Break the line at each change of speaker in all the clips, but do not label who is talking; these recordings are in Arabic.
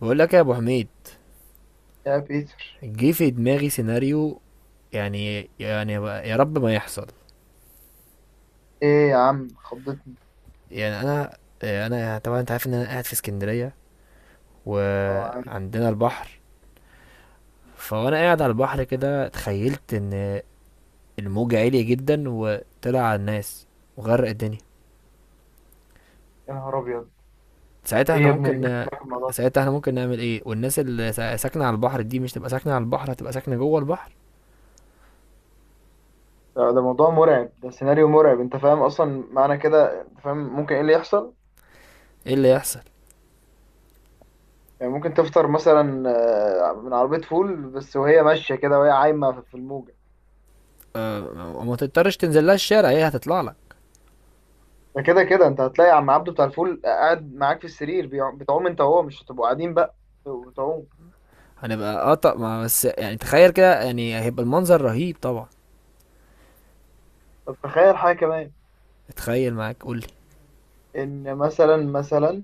بقول لك يا ابو حميد.
يا بيتر،
جه في دماغي سيناريو، يعني يا رب ما يحصل.
ايه يا عم خضتني.
يعني انا طبعا انت عارف ان انا قاعد في اسكندريه
اه، عارف.
وعندنا البحر. فوانا قاعد على البحر كده تخيلت ان الموج عالي جدا وطلع على الناس وغرق الدنيا.
يا نهار ابيض،
ساعتها
ايه
احنا
يا ابني اللي جبت
ممكن
معاك الموضوع ده.
ساعتها احنا ممكن نعمل ايه؟ والناس اللي ساكنه على البحر دي مش تبقى ساكنه على البحر، هتبقى ساكنه جوه البحر.
ده موضوع مرعب، ده سيناريو مرعب. انت فاهم اصلا معنى كده؟ انت فاهم ممكن ايه اللي يحصل؟
ايه اللي يحصل؟
يعني ممكن تفطر مثلا، من عربية فول، بس وهي ماشية كده وهي عايمة في الموجة.
أه، وما تضطرش تنزل لها الشارع، هي هتطلع لك.
ده كده كده انت هتلاقي عم عبده بتاع الفول قاعد معاك في السرير بتعوم انت وهو، مش هتبقوا قاعدين بقى بتبقوا بتعوم.
هنبقى قطع، ما بس يعني تخيل كده، يعني هيبقى المنظر رهيب طبعا.
طب تخيل حاجة كمان.
اتخيل معاك، قولي.
ان مثلا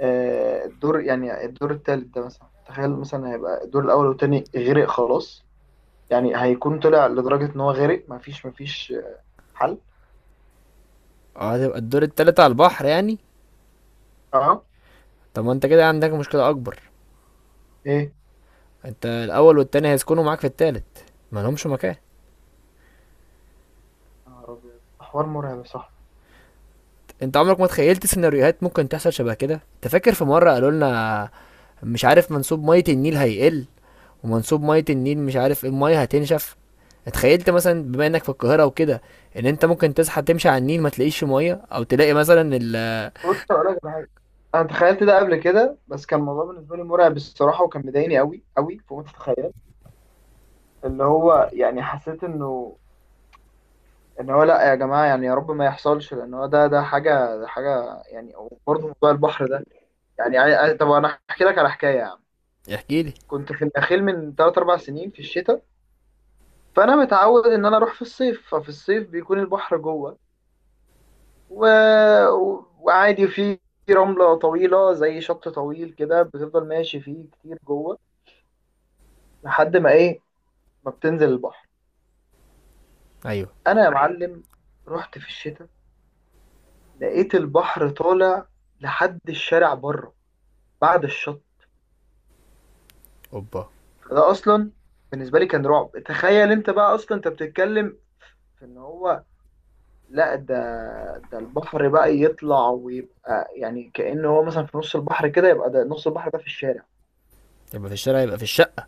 الدور، يعني الدور التالت ده مثلا، تخيل مثلا هيبقى الدور الأول والتاني غرق خلاص. يعني هيكون طلع لدرجة إن هو غرق، مفيش حل.
اه، هتبقى الدور التالت على البحر يعني.
أه.
طب ما انت كده عندك مشكلة أكبر.
إيه.
انت الأول والتاني هيسكنوا معاك في التالت، ما لهمش مكان.
يا نهار أبيض، ده حوار مرعب، صح؟
انت عمرك ما تخيلت سيناريوهات ممكن تحصل شبه كده؟ انت فاكر في مرة قالوا لنا مش عارف منسوب مية النيل هيقل، ومنسوب مية النيل مش عارف ايه، المية هتنشف؟ اتخيلت مثلا بما انك في القاهرة وكده ان انت ممكن تصحى تمشي على النيل ما تلاقيش مية، او تلاقي مثلا ال...
بص أقول لك على حاجة. أنا تخيلت ده قبل كده، بس كان الموضوع بالنسبة لي مرعب الصراحة، وكان مضايقني أوي أوي فوق ما تتخيل. اللي هو يعني حسيت إنه إن هو لأ يا جماعة، يعني يا رب ما يحصلش، لأن هو ده حاجة، ده حاجة يعني. وبرضه موضوع البحر ده يعني طب أنا أحكي لك على حكاية يا عم.
احكيلي.
كنت في النخيل من 3-4 سنين في الشتاء، فانا متعود ان انا اروح في الصيف. ففي الصيف بيكون البحر جوه و... وعادي في رملة طويلة، زي شط طويل كده، بتفضل ماشي فيه كتير جوه لحد ما ايه، ما بتنزل البحر.
ايوه.
انا يا معلم رحت في الشتاء، لقيت البحر طالع لحد الشارع بره بعد الشط.
اوبا.
ده اصلا بالنسبة لي كان رعب. تخيل انت بقى اصلا، انت بتتكلم في ان هو، لا ده، ده البحر بقى يطلع ويبقى يعني كأنه هو مثلا في نص البحر كده، يبقى ده نص البحر ده في الشارع.
يبقى في الشارع، يبقى في الشقة.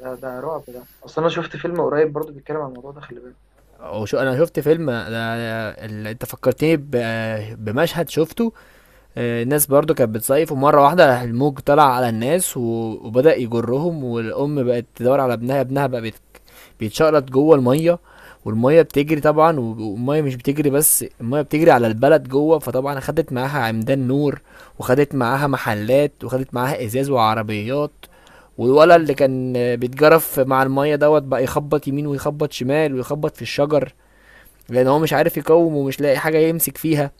ده رعب. ده اصلا انا شفت فيلم قريب برضو بيتكلم عن الموضوع ده، خلي بالك.
او شو، انا شفت فيلم انت فكرتني بمشهد شفته. الناس برضو كانت بتصيف، ومرة واحدة راح الموج طلع على الناس وبدأ يجرهم، والأم بقت تدور على ابنها. ابنها بقى بيتشقلط جوه الميه، والميه بتجري طبعا، والميه مش بتجري بس، الميه بتجري على البلد جوه، فطبعا خدت معاها عمدان نور، وخدت معاها محلات، وخدت معاها ازاز وعربيات.
يا
والولد اللي
نهار أبيض.
كان بيتجرف مع الميه دوت بقى يخبط يمين ويخبط شمال ويخبط في الشجر، لان هو مش عارف يقوم ومش لاقي حاجه يمسك فيها.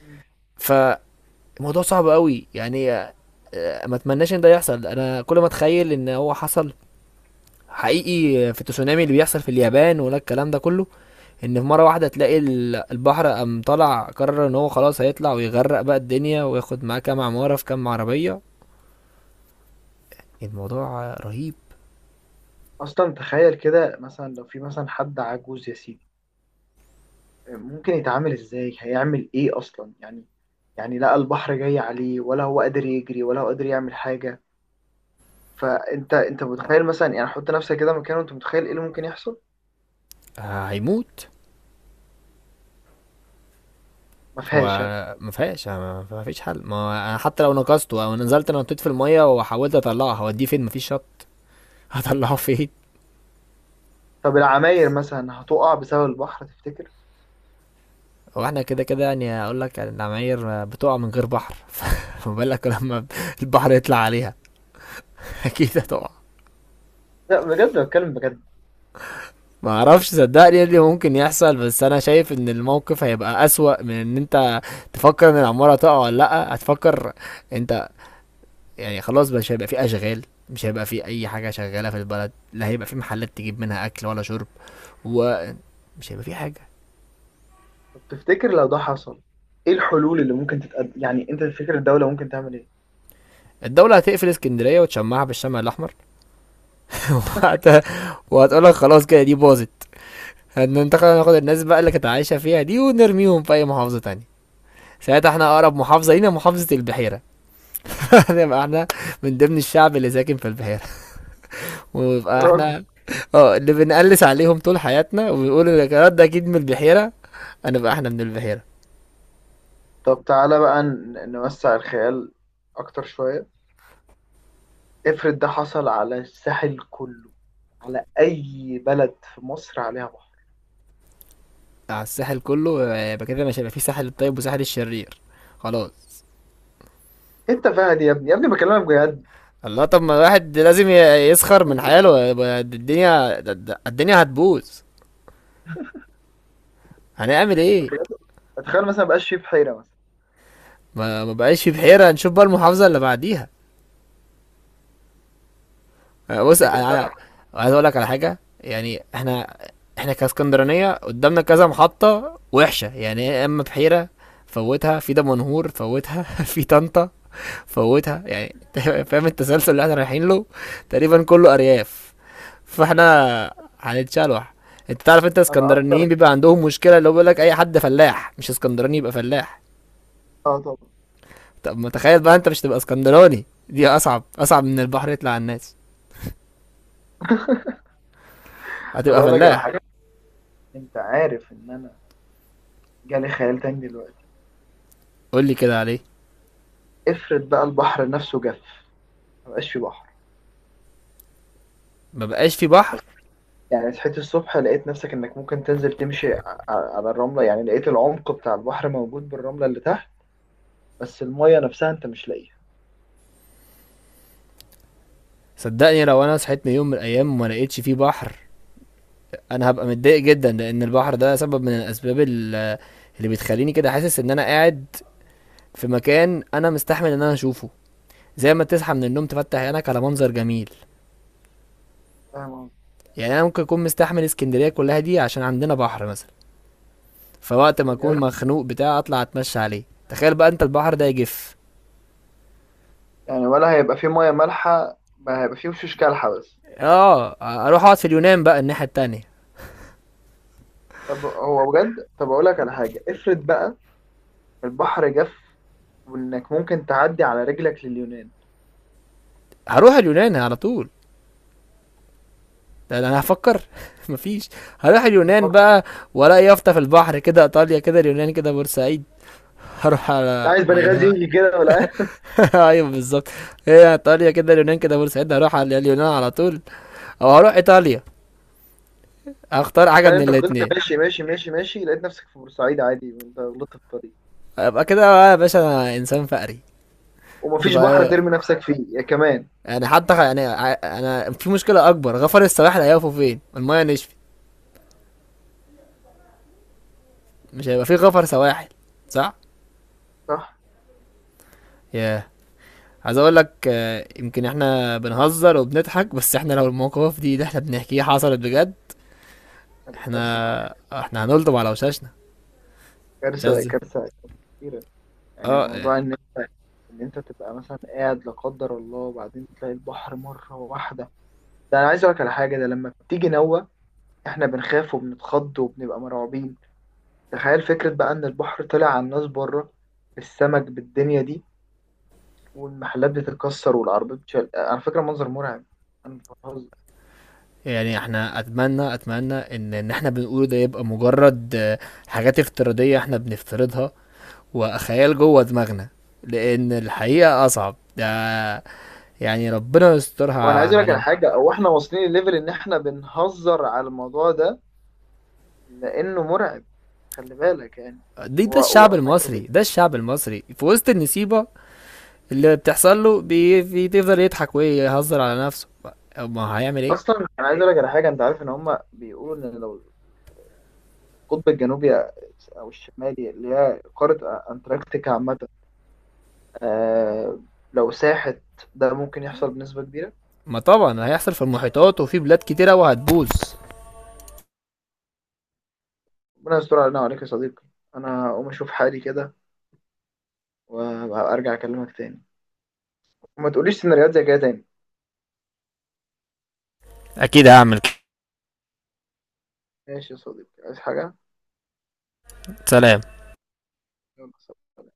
مم.
فالموضوع صعب قوي يعني. ما اتمناش ان ده يحصل. انا كل ما اتخيل ان هو حصل حقيقي في التسونامي اللي بيحصل في اليابان ولا الكلام ده كله، ان في مره واحده تلاقي البحر قام طلع قرر ان هو خلاص هيطلع ويغرق بقى الدنيا وياخد معاه كام عماره في كام عربيه. الموضوع رهيب.
اصلا تخيل كده مثلا لو في مثلا حد عجوز يا سيدي، ممكن يتعامل ازاي، هيعمل ايه اصلا يعني؟ يعني لقى البحر جاي عليه، ولا هو قادر يجري ولا هو قادر يعمل حاجة. فانت متخيل مثلا، يعني حط نفسك كده مكانه، انت متخيل ايه اللي ممكن يحصل؟
هيموت.
ما
هو
فيهاش.
ما فيهاش. ما فيش حل. ما انا حتى لو نقصته او نزلت انا نطيت في الميه وحاولت اطلعه، هوديه فين؟ مفيش شط. هطلعه فين؟
طب العماير مثلا هتقع بسبب البحر، تفتكر؟
هو احنا كده كده يعني، اقول لك يعني، العماير بتقع من غير بحر. فما بالك لما البحر يطلع عليها؟ اكيد هتقع.
لا بجد، بتكلم بجد.
ما اعرفش، صدقني، ايه اللي ممكن يحصل، بس انا شايف ان الموقف هيبقى اسوأ من ان انت تفكر ان العمارة تقع ولا لا. هتفكر انت يعني خلاص مش هيبقى في اشغال، مش هيبقى في اي حاجة شغالة في البلد، لا هيبقى في محلات تجيب منها اكل ولا شرب، ومش هيبقى في حاجة.
طب تفتكر لو ده حصل ايه الحلول اللي ممكن تتقدم؟ يعني انت تفتكر الدولة ممكن تعمل ايه؟
الدولة هتقفل اسكندرية وتشمعها بالشمع الأحمر. وقتها وهتقولك خلاص كده دي باظت، هننتقل، ناخد الناس بقى اللي كانت عايشة فيها دي ونرميهم في أي محافظة تانية. ساعتها احنا أقرب محافظة لينا محافظة البحيرة، نبقى احنا من ضمن الشعب اللي ساكن في البحيرة،
يا
ويبقى
راجل.
احنا اه اللي بنقلس عليهم طول حياتنا وبيقول لك يا ده اكيد من البحيرة، هنبقى احنا من البحيرة.
طب تعالى بقى نوسع الخيال اكتر شوية. افرض ده حصل على الساحل كله، على اي بلد في مصر عليها بحر.
على الساحل كله؟ يبقى كده مش هيبقى في ساحل الطيب وساحل الشرير، خلاص.
انت فاهم يا ابني، يا ابني بكلمك بجد.
الله، طب ما الواحد لازم يسخر من حاله. يبقى الدنيا هتبوظ، هنعمل
طب
ايه؟
بجد، اتخيل مثلا مبقاش فيه بحيرة مثلا.
ما بقاش في بحيرة، نشوف بقى المحافظة اللي بعديها. بص
تفتكر
أنا
فعلا؟
عايز اقول لك على حاجه يعني. احنا كاسكندرانيه قدامنا كذا محطه وحشه يعني، يا اما بحيره، فوتها في دمنهور، فوتها في طنطا، فوتها يعني. فاهم التسلسل اللي احنا رايحين له؟ تقريبا كله ارياف، فاحنا هنتشلوح. انت تعرف انت
انا
اسكندرانيين
اكتر.
بيبقى عندهم مشكله، اللي هو بيقول لك اي حد فلاح مش اسكندراني يبقى فلاح.
اه طبعا.
طب ما تخيل بقى انت مش تبقى اسكندراني، دي اصعب اصعب من البحر يطلع على الناس.
طب
هتبقى
اقول لك على
فلاح.
حاجة، انت عارف ان انا جالي خيال تاني دلوقتي.
قول لي كده عليه.
افرض بقى البحر نفسه جف، مبقاش فيه بحر.
ما بقاش في بحر.
يعني صحيت الصبح لقيت نفسك انك ممكن تنزل تمشي على الرملة، يعني لقيت العمق بتاع البحر موجود بالرملة اللي تحت، بس المية نفسها انت مش لاقيها.
صدقني لو انا صحيت من يوم من الايام وما لقيتش فيه بحر، انا هبقى متضايق جدا، لان البحر ده سبب من الاسباب اللي بتخليني كده حاسس ان انا قاعد في مكان انا مستحمل ان انا اشوفه، زي ما تصحى من النوم تفتح عينك على منظر جميل.
فاهم قصدي؟
يعني انا ممكن اكون مستحمل اسكندريه كلها دي عشان عندنا بحر مثلا، فوقت ما
بجد.
اكون مخنوق بتاع اطلع اتمشى عليه. تخيل بقى انت البحر ده يجف.
يعني ولا هيبقى فيه مية مالحة، ما هيبقى فيه وشوش كالحة بس.
اه. اروح اقعد في اليونان بقى الناحيه التانية.
طب هو بجد. طب اقول لك على حاجة، افرض بقى البحر جف، وانك ممكن تعدي على رجلك لليونان.
هروح اليونان على طول. لا لا، انا هفكر. مفيش، هروح اليونان
فكر.
بقى. ولا يافطة في البحر كده ايطاليا، كده اليونان، كده بورسعيد، هروح
لا
على
عايز بنغازي
اليونان.
يجي كده، ولا عايز
ايوه بالظبط. هي ايطاليا كده، اليونان كده، بورسعيد، هروح على اليونان على طول، او هروح ايطاليا، هختار حاجة
تخيل
من
انت فضلت
الاتنين.
ماشي ماشي ماشي ماشي لقيت نفسك في بورسعيد عادي وانت غلطت في الطريق،
ابقى كده بقى يا باشا، انا انسان فقري.
ومفيش بحر
تبقى،
ترمي نفسك فيه يا كمان.
يعني حتى انا في مشكلة اكبر، غفر السواحل هيقفوا فين المايه نشفت؟ مش هيبقى في غفر سواحل، صح.
صح،
ياه. عايز اقول لك، يمكن احنا بنهزر وبنضحك، بس احنا لو المواقف دي اللي احنا بنحكيها حصلت بجد،
هتبقى كارثة طبعا.
احنا احنا هنلطم على وشاشنا. مش
كارثة
عايز.
كارثة كارثة كبيرة. يعني
اه.
موضوع إن أنت تبقى مثلا قاعد لا قدر الله، وبعدين تلاقي البحر مرة واحدة. ده أنا عايز أقولك على حاجة، ده لما بتيجي نوة إحنا بنخاف وبنتخض وبنبقى مرعوبين. تخيل فكرة بقى إن البحر طلع على الناس بره، بالسمك، بالدنيا دي، والمحلات بتتكسر والعربيات بتشال، على فكرة منظر مرعب. أنا مش بهزر.
يعني احنا اتمنى ان احنا بنقوله ده يبقى مجرد حاجات افتراضية احنا بنفترضها وخيال جوه دماغنا، لان الحقيقة اصعب ده يعني، ربنا
وأنا
يسترها
عايز أقولك على
علينا.
حاجة، أو إحنا واصلين لليفل إن إحنا بنهزر على الموضوع ده لانه مرعب. خلي بالك يعني.
دي، ده
هو
الشعب
اصلا كانوا
المصري، ده الشعب المصري في وسط النسيبة اللي بتحصل له بيفضل يضحك ويهزر على نفسه، ما هيعمل ايه.
اصلا انا عايز اقول لك على حاجه، انت عارف ان هم بيقولوا ان لو القطب الجنوبي او الشمالي، اللي هي قاره انتاركتيكا عامه، آه لو ساحت، ده ممكن يحصل بنسبه كبيره.
ما طبعا هيحصل في المحيطات وفي بلاد كتيرة وهتبوظ.
ربنا يستر علينا وعليك يا صديقي. انا هقوم اشوف حالي كده، وارجع اكلمك تاني. وما تقوليش سيناريوهات زي كده تاني.
اكيد هعمل.
ماشي يا صديقي، عايز حاجه؟
سلام.
يلا سلام.